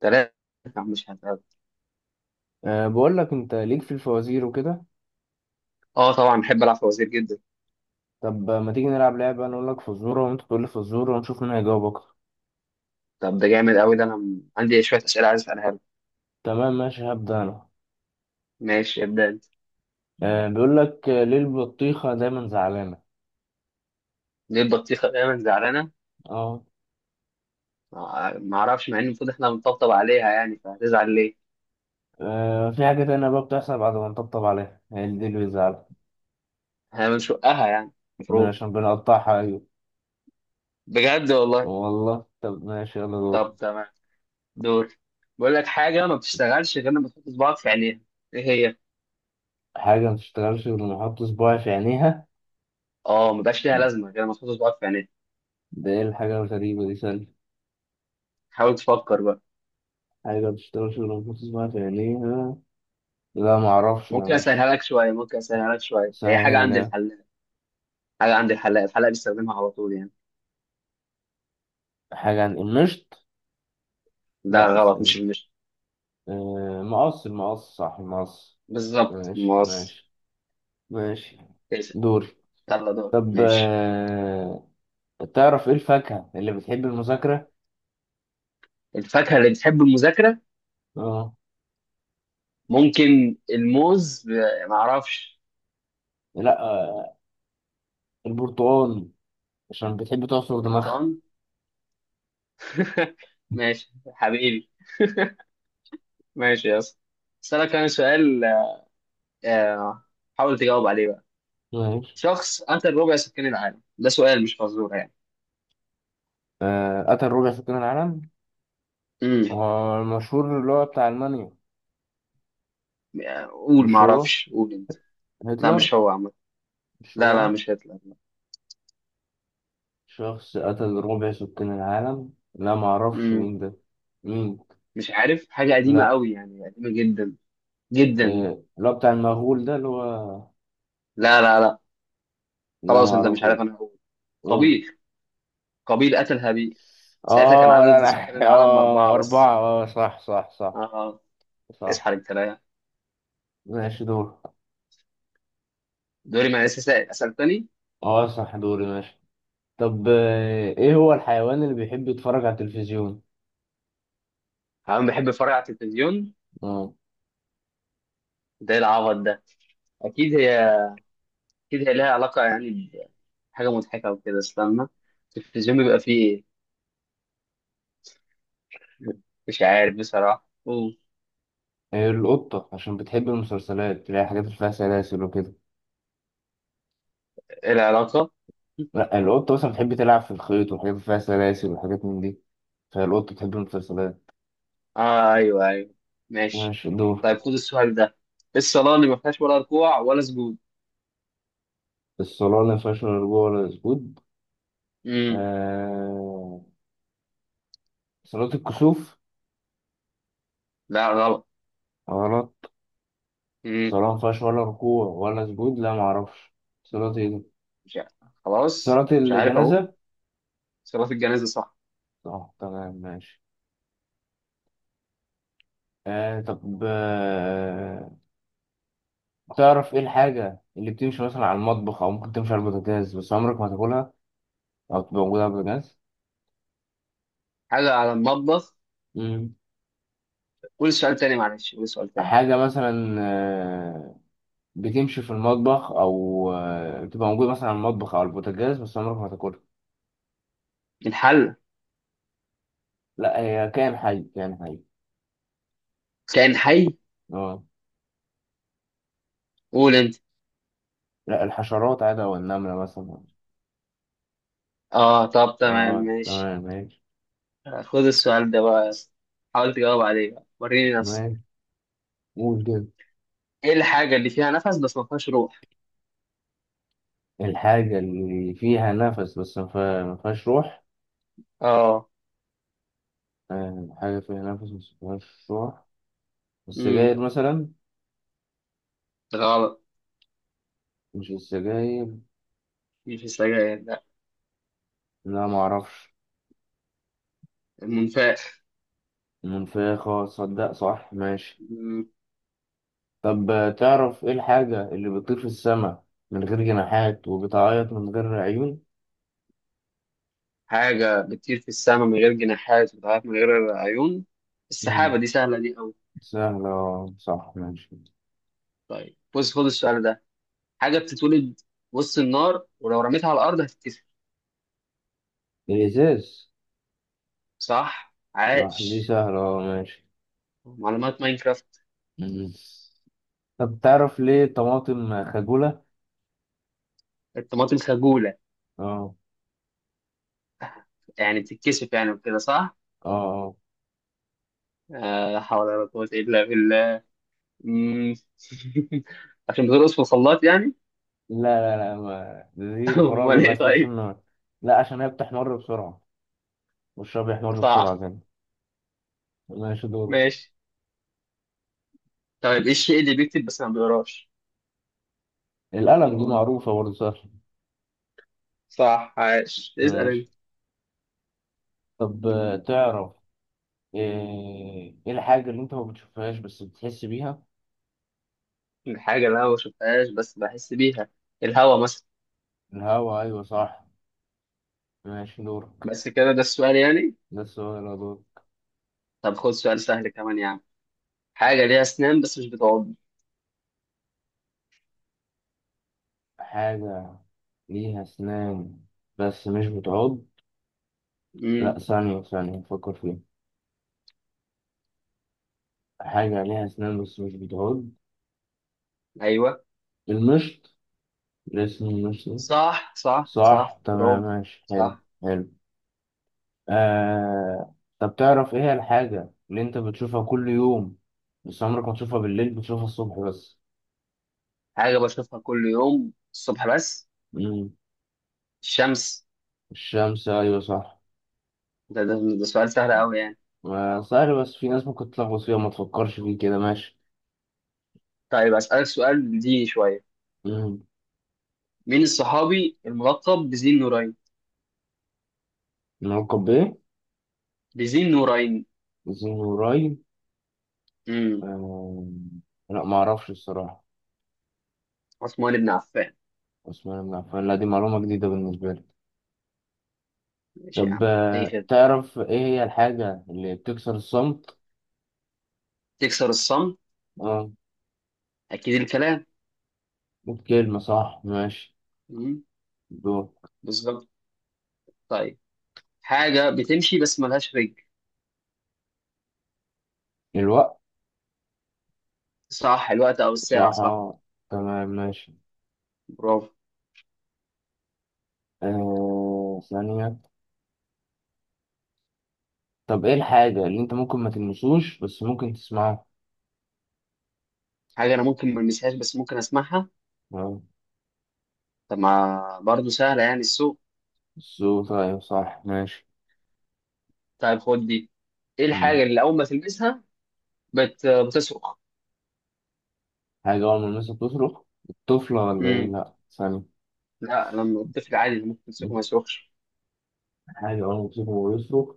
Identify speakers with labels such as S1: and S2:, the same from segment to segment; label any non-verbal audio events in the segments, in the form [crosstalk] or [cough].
S1: 3، مش هتقابل.
S2: أه بقول لك انت ليك في الفوازير وكده.
S1: اه، طبعا بحب العب فوازير جدا.
S2: طب ما تيجي نلعب لعبة، انا اقول لك فزورة وانت تقول لي فزورة ونشوف مين هيجاوب اكتر.
S1: طب ده جامد قوي، ده انا عندي شويه اسئله عايز اسالها لك.
S2: تمام ماشي، هبدأ انا.
S1: ماشي، ابدا انت.
S2: أه بيقول لك، ليه البطيخة دايما زعلانة؟
S1: ليه البطيخه دايما زعلانه؟
S2: اه.
S1: ما اعرفش، مع ان المفروض احنا بنطبطب عليها، يعني فهتزعل ليه؟
S2: في حاجة تانية بقى بتحصل بعد ما نطبطب عليها، هي اللي دي اللي بيزعلها.
S1: احنا بنشقها يعني. المفروض.
S2: عشان بنقطعها، ايوه.
S1: بجد والله.
S2: والله. طب ماشي، يلا دور.
S1: طب تمام. دور. بقول لك حاجه ما بتشتغلش غير لما تحط صباعك في عينيها. ايه هي؟
S2: حاجة ما تشتغلش غير لما احط صباعي في عينيها،
S1: اه، ما بقاش ليها لازمه غير لما تحط صباعك في عينيها.
S2: ده ايه الحاجة الغريبة دي، سأل.
S1: حاول تفكر بقى.
S2: حاجة ما تشتغلش غير لما احط صباعي في عينيها. لا معرفش، ما
S1: ممكن اسهلها
S2: مش
S1: لك شويه ممكن اسهلها لك شويه هي حاجه
S2: سهل.
S1: عند الحلاق حاجه عند الحلاق الحلاق بيستخدمها على طول يعني.
S2: حاجة عن المشط.
S1: لا
S2: لا بس
S1: غلط، مش
S2: إيه؟
S1: المشت.
S2: مقص، المقص.
S1: بالظبط،
S2: ماشي
S1: موز.
S2: ماشي. ماشي
S1: كده.
S2: دوري.
S1: يلا دور،
S2: طب،
S1: ماشي.
S2: تعرف ايه الفاكهة اللي بتحب المذاكرة؟
S1: الفاكهة اللي بتحب المذاكرة.
S2: اه.
S1: ممكن الموز معرفش.
S2: لا. البرتقال، عشان بتحب تعصر دماغها.
S1: البرتقال. [laughs] ماشي حبيبي. ماشي يا اسطى. اسألك انا سؤال. آه، حاول تجاوب عليه بقى.
S2: ماشي.
S1: شخص قتل ربع سكان العالم، ده سؤال مش فزورة يعني.
S2: قتل ربع سكان العالم؟
S1: امم.
S2: هو المشهور اللي هو بتاع ألمانيا؟
S1: قول
S2: مش هو؟
S1: معرفش، قول انت. لا
S2: هتلر.
S1: مش هو عامة.
S2: مش
S1: لا، لا،
S2: هو؟
S1: مش هتلر، لا.
S2: شخص قتل ربع سكان العالم، لا معرفش
S1: امم.
S2: مين ده. مين؟
S1: مش عارف، حاجة قديمة
S2: لا.
S1: قوي يعني، قديمة جدا. جدا.
S2: إيه اللي هو بتاع المغول ده اللي هو؟
S1: لا، لا، لا.
S2: لا ما
S1: خلاص انت مش
S2: اعرفوش.
S1: عارف، انا هقول.
S2: قول.
S1: قابيل. قابيل قتل هابيل. ساعتها كان
S2: اه
S1: عدد
S2: لا
S1: سكان
S2: لا [laughs]
S1: العالم
S2: اه،
S1: 4 بس.
S2: أربعة، اه صح صح صح.
S1: آه. اصحى
S2: صح.
S1: للكلام.
S2: ماشي دور.
S1: دوري، ما لسه سائل، أسأل تاني.
S2: اه صح، دوري ماشي. طب، ايه هو الحيوان اللي بيحب يتفرج على التلفزيون؟
S1: أنا بحب أتفرج على التلفزيون.
S2: اه.
S1: ده إيه العبط ده؟ أكيد هي أكيد هي لها علاقة يعني، بحاجة مضحكة وكده، استنى. التلفزيون بيبقى فيه إيه؟ مش عارف بصراحة، أوه.
S2: إيه، القطة، عشان بتحب المسلسلات، اللي هي حاجات اللي فيها سلاسل وكده.
S1: إيه العلاقة؟
S2: لا القطة مثلا بتحب تلعب في الخيط وحاجات اللي فيها سلاسل وحاجات من دي، فالقطة بتحب المسلسلات.
S1: آه، أيوه، أيوه. ماشي.
S2: ماشي دور.
S1: طيب خد السؤال ده، إيه الصلاة اللي ما فيهاش ولا ركوع ولا سجود؟
S2: الصلاة اللي ما فيهاش لا رجوع ولا سجود؟
S1: امم.
S2: آه، صلاة الكسوف.
S1: لا غلط.
S2: غلط. صلاة مفيهاش ولا ركوع ولا سجود، لا معرفش، صلاة ايه دي؟
S1: مش عارف. خلاص
S2: صلاة
S1: مش عارف، اقول.
S2: الجنازة.
S1: صلاه الجنازه، صح.
S2: اه تمام ماشي. آه طب آه، تعرف ايه الحاجة اللي بتمشي مثلا على المطبخ أو ممكن تمشي على البوتاجاز بس عمرك ما تاكلها، أو تبقى موجودة على البوتاجاز؟
S1: حاجه على المطبخ.
S2: مم.
S1: قول سؤال تاني، معلش قول سؤال تاني.
S2: حاجة مثلا، بتمشي في المطبخ، أو بتبقى موجودة مثلا على المطبخ أو على البوتاجاز بس عمرك ما تاكلها.
S1: الحل.
S2: لا هي كائن حي، كائن حي.
S1: كائن حي.
S2: اه.
S1: قول انت.
S2: لا، الحشرات عادة، والنملة مثلا.
S1: اه طب تمام
S2: اه
S1: ماشي.
S2: تمام ماشي.
S1: خد السؤال ده بقى يا اسطى. حاول تجاوب عليه بقى، وريني نفسك.
S2: تمام. قول كده.
S1: ايه الحاجه اللي فيها نفس بس ما فيهاش روح؟
S2: الحاجة اللي فيها نفس بس ما فيهاش روح.
S1: اه.
S2: حاجة فيها نفس بس ما فيهاش روح،
S1: امم.
S2: السجاير مثلا.
S1: غلط.
S2: مش السجاير؟
S1: مش السجاير، لا.
S2: لا، ما اعرفش.
S1: المنفاخ.
S2: المنفاخة، صدق، صح ماشي.
S1: مم.
S2: طب، تعرف ايه الحاجة اللي بتطير في السماء من غير جناحات وبتعيط من غير عيون؟
S1: حاجه بتطير في السماء من غير جناحات وبتعرف من غير عيون. السحابه،
S2: مم.
S1: دي سهله دي قوي.
S2: سهلة، صح ماشي.
S1: طيب بص، خد السؤال ده. حاجه بتتولد وسط النار، ولو رميتها على الارض هتتكسر.
S2: الإزاز.
S1: صح
S2: صح دي
S1: عاش.
S2: سهلة، ماشي.
S1: معلومات ماينكرافت.
S2: مم. طب تعرف ليه الطماطم خجولة؟
S1: الطماطم خجوله.
S2: اه.
S1: يعني بتتكسف يعني وكده صح.
S2: اه آه.
S1: آه، لا حول ولا قوه الا بالله. مم. [laughs] عشان بترقص في الخلاط يعني.
S2: لا لا لا، ما دي
S1: [laughs]
S2: الفرارة
S1: امال
S2: اللي
S1: ايه
S2: في وش
S1: طيب.
S2: النار. لا، عشان هي بتحمر بسرعة، وشها بيحمر بسرعة
S1: صح
S2: كده. ماشي دور.
S1: ماشي. طيب ايه الشيء اللي بيكتب بس ما بيقراش؟
S2: القلم، دي دورك معروفة برضه، سهلة.
S1: صح عاش، اسال
S2: ماشي.
S1: انت.
S2: طب، تعرف ايه إيه الحاجة اللي انت ما بتشوفهاش بس بتحس بيها؟
S1: الحاجه اللي انا ما بشوفهاش بس بحس بيها. الهوا مثلا.
S2: الهوا، ايوه صح، ماشي دورك.
S1: بس كده، ده السؤال يعني.
S2: ده السؤال، يا دور.
S1: طب خد سؤال سهل كمان يعني. حاجة ليها أسنان بس مش بتعض.
S2: حاجة ليها اسنان بس مش بتعض. لا،
S1: امم.
S2: ثانية، فكر فيها. حاجة ليها اسنان بس مش بتعض،
S1: ايوه.
S2: المشط، الاسم المشط.
S1: صح، صح،
S2: صح
S1: صح،
S2: تمام
S1: برافو.
S2: ماشي. حلو.
S1: صح.
S2: حلو. طب تعرف ايه هي الحاجة اللي انت بتشوفها كل يوم بس عمرك ما تشوفها بالليل، بتشوفها الصبح بس؟
S1: حاجه بشوفها كل يوم الصبح بس.
S2: مم.
S1: الشمس.
S2: الشمس، ايوه صح.
S1: ده, ده, ده سؤال سهل قوي يعني.
S2: آه سهل، بس في ناس ممكن تلخبط فيها، ما تفكرش فيه كده. ماشي.
S1: طيب اسالك سؤال ديني شويه.
S2: مم.
S1: مين الصحابي الملقب بذي النورين؟
S2: نلقب بايه؟
S1: بذي النورين.
S2: زين قريب.
S1: امم.
S2: آه... لا ما اعرفش الصراحة.
S1: عثمان بن عفان.
S2: عثمان بن عفان، لا دي معلومة جديدة بالنسبة لي.
S1: ماشي يا
S2: طب
S1: عم، اي خدمه.
S2: تعرف ايه هي الحاجة اللي بتكسر الصمت؟
S1: تكسر الصمت.
S2: اه.
S1: اكيد الكلام.
S2: كلمة، صح ماشي
S1: امم.
S2: دور.
S1: بالظبط. طيب حاجه بتمشي بس ملهاش رجل.
S2: الوقت.
S1: صح، الوقت او الساعه، صح.
S2: صراحة. تمام ماشي.
S1: برافو.
S2: آه ثانية. طب ايه الحاجة اللي انت ممكن ما تلمسوش بس ممكن تسمعها؟
S1: حاجه انا ممكن ما المسهاش بس ممكن اسمعها.
S2: آه،
S1: طب ما برضه سهلة يعني، السوق.
S2: الصوت، طيب صح ماشي.
S1: طيب خد دي. ايه
S2: مم.
S1: الحاجة اللي أول ما تلمسها بتصرخ؟
S2: حاجة أول ما المسك تصرخ، الطفلة ولا ايه؟
S1: امم.
S2: لأ ثانية.
S1: لا لما الطفل عادي ممكن تمسكه
S2: مم.
S1: ما يصرخش.
S2: حاجة أول ما تمسكه ويصرخ،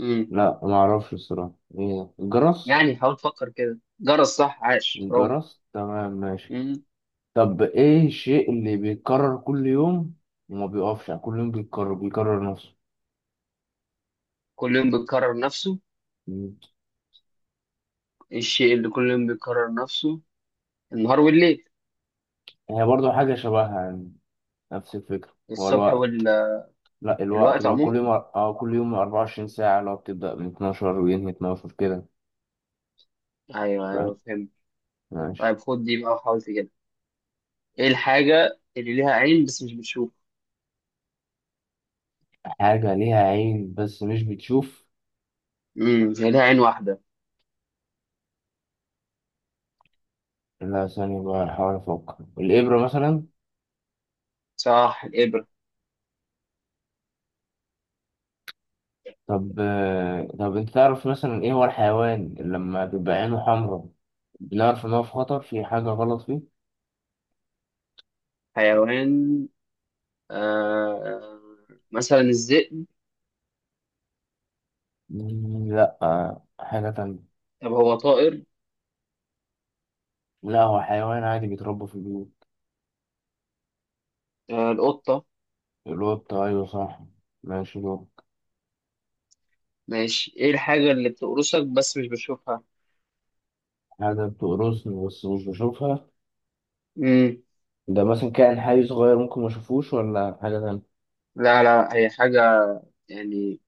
S1: امم.
S2: لأ معرفش الصراحة، ايه، الجرس؟
S1: يعني حاول تفكر كده، جرس، صح عاش برافو.
S2: الجرس، تمام ماشي.
S1: امم.
S2: طب ايه الشيء اللي بيتكرر كل يوم وما بيقفش، يعني كل يوم بيتكرر، بيكرر نفسه؟
S1: كل يوم بيكرر نفسه.
S2: مم.
S1: الشيء اللي كل يوم بيكرر نفسه، النهار والليل.
S2: هي برضو حاجة شبهها يعني، نفس الفكرة. هو
S1: الصبح.
S2: الوقت. لا الوقت،
S1: والوقت
S2: لو كل يوم
S1: عموما.
S2: اه، كل يوم 24 ساعة لو بتبدأ من 12 وينهي 12 كده.
S1: ايوه،
S2: فاهم.
S1: ايوه، فهمت.
S2: ماشي.
S1: طيب خد دي بقى وحاول تجيبها. ايه الحاجة اللي ليها عين بس مش بتشوف؟
S2: حاجة ليها عين بس مش بتشوف.
S1: امم، هي ليها عين واحدة.
S2: لا ثانية بقى، أحاول أفكر، الإبرة مثلا.
S1: صح، الإبرة.
S2: طب، طب أنت تعرف مثلا إيه هو الحيوان اللي لما بيبقى عينه حمراء بنعرف إن هو في خطر، في حاجة غلط فيه؟
S1: حيوان. آه، مثلا الذئب.
S2: مم، لا، حاجة تانية.
S1: طب هو طائر.
S2: لا هو حيوان عادي بيتربى في البيوت.
S1: آه، القطة.
S2: القط، أيوه صح. ماشي دور.
S1: ماشي. ايه الحاجة اللي بتقرصك بس مش بتشوفها؟
S2: حاجة بتقرصني بس مش بشوفها؟
S1: مم.
S2: ده مثلا كائن حي صغير ممكن ما اشوفوش، ولا حاجة تانية؟
S1: لا، لا، هي حاجة، يعني،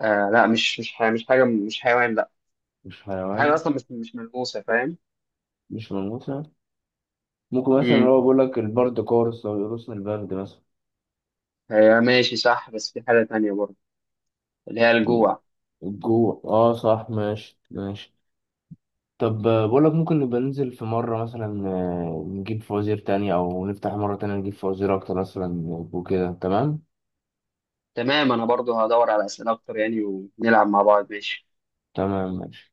S1: آه لا، مش حاجة، مش حاجة، مش حيوان، لا.
S2: مش
S1: هي حاجة
S2: حيوان.
S1: أصلا مش ملموسة، فاهم؟
S2: مش ماموسة. ممكن مثلا اللي
S1: مم.
S2: هو بيقول لك البرد، كورس لو يقرصنا البرد مثلا.
S1: هي ماشي صح، بس في حاجة تانية برضه، اللي هي الجوع.
S2: الجوع، اه صح ماشي ماشي. طب، بقول لك ممكن نبقى ننزل في مرة مثلا، نجيب فوازير تانية، أو نفتح مرة تانية نجيب فوازير أكتر مثلا وكده، تمام.
S1: تمام، أنا برضه هدور على أسئلة أكتر يعني، ونلعب مع بعض، ماشي.
S2: تمام ماشي.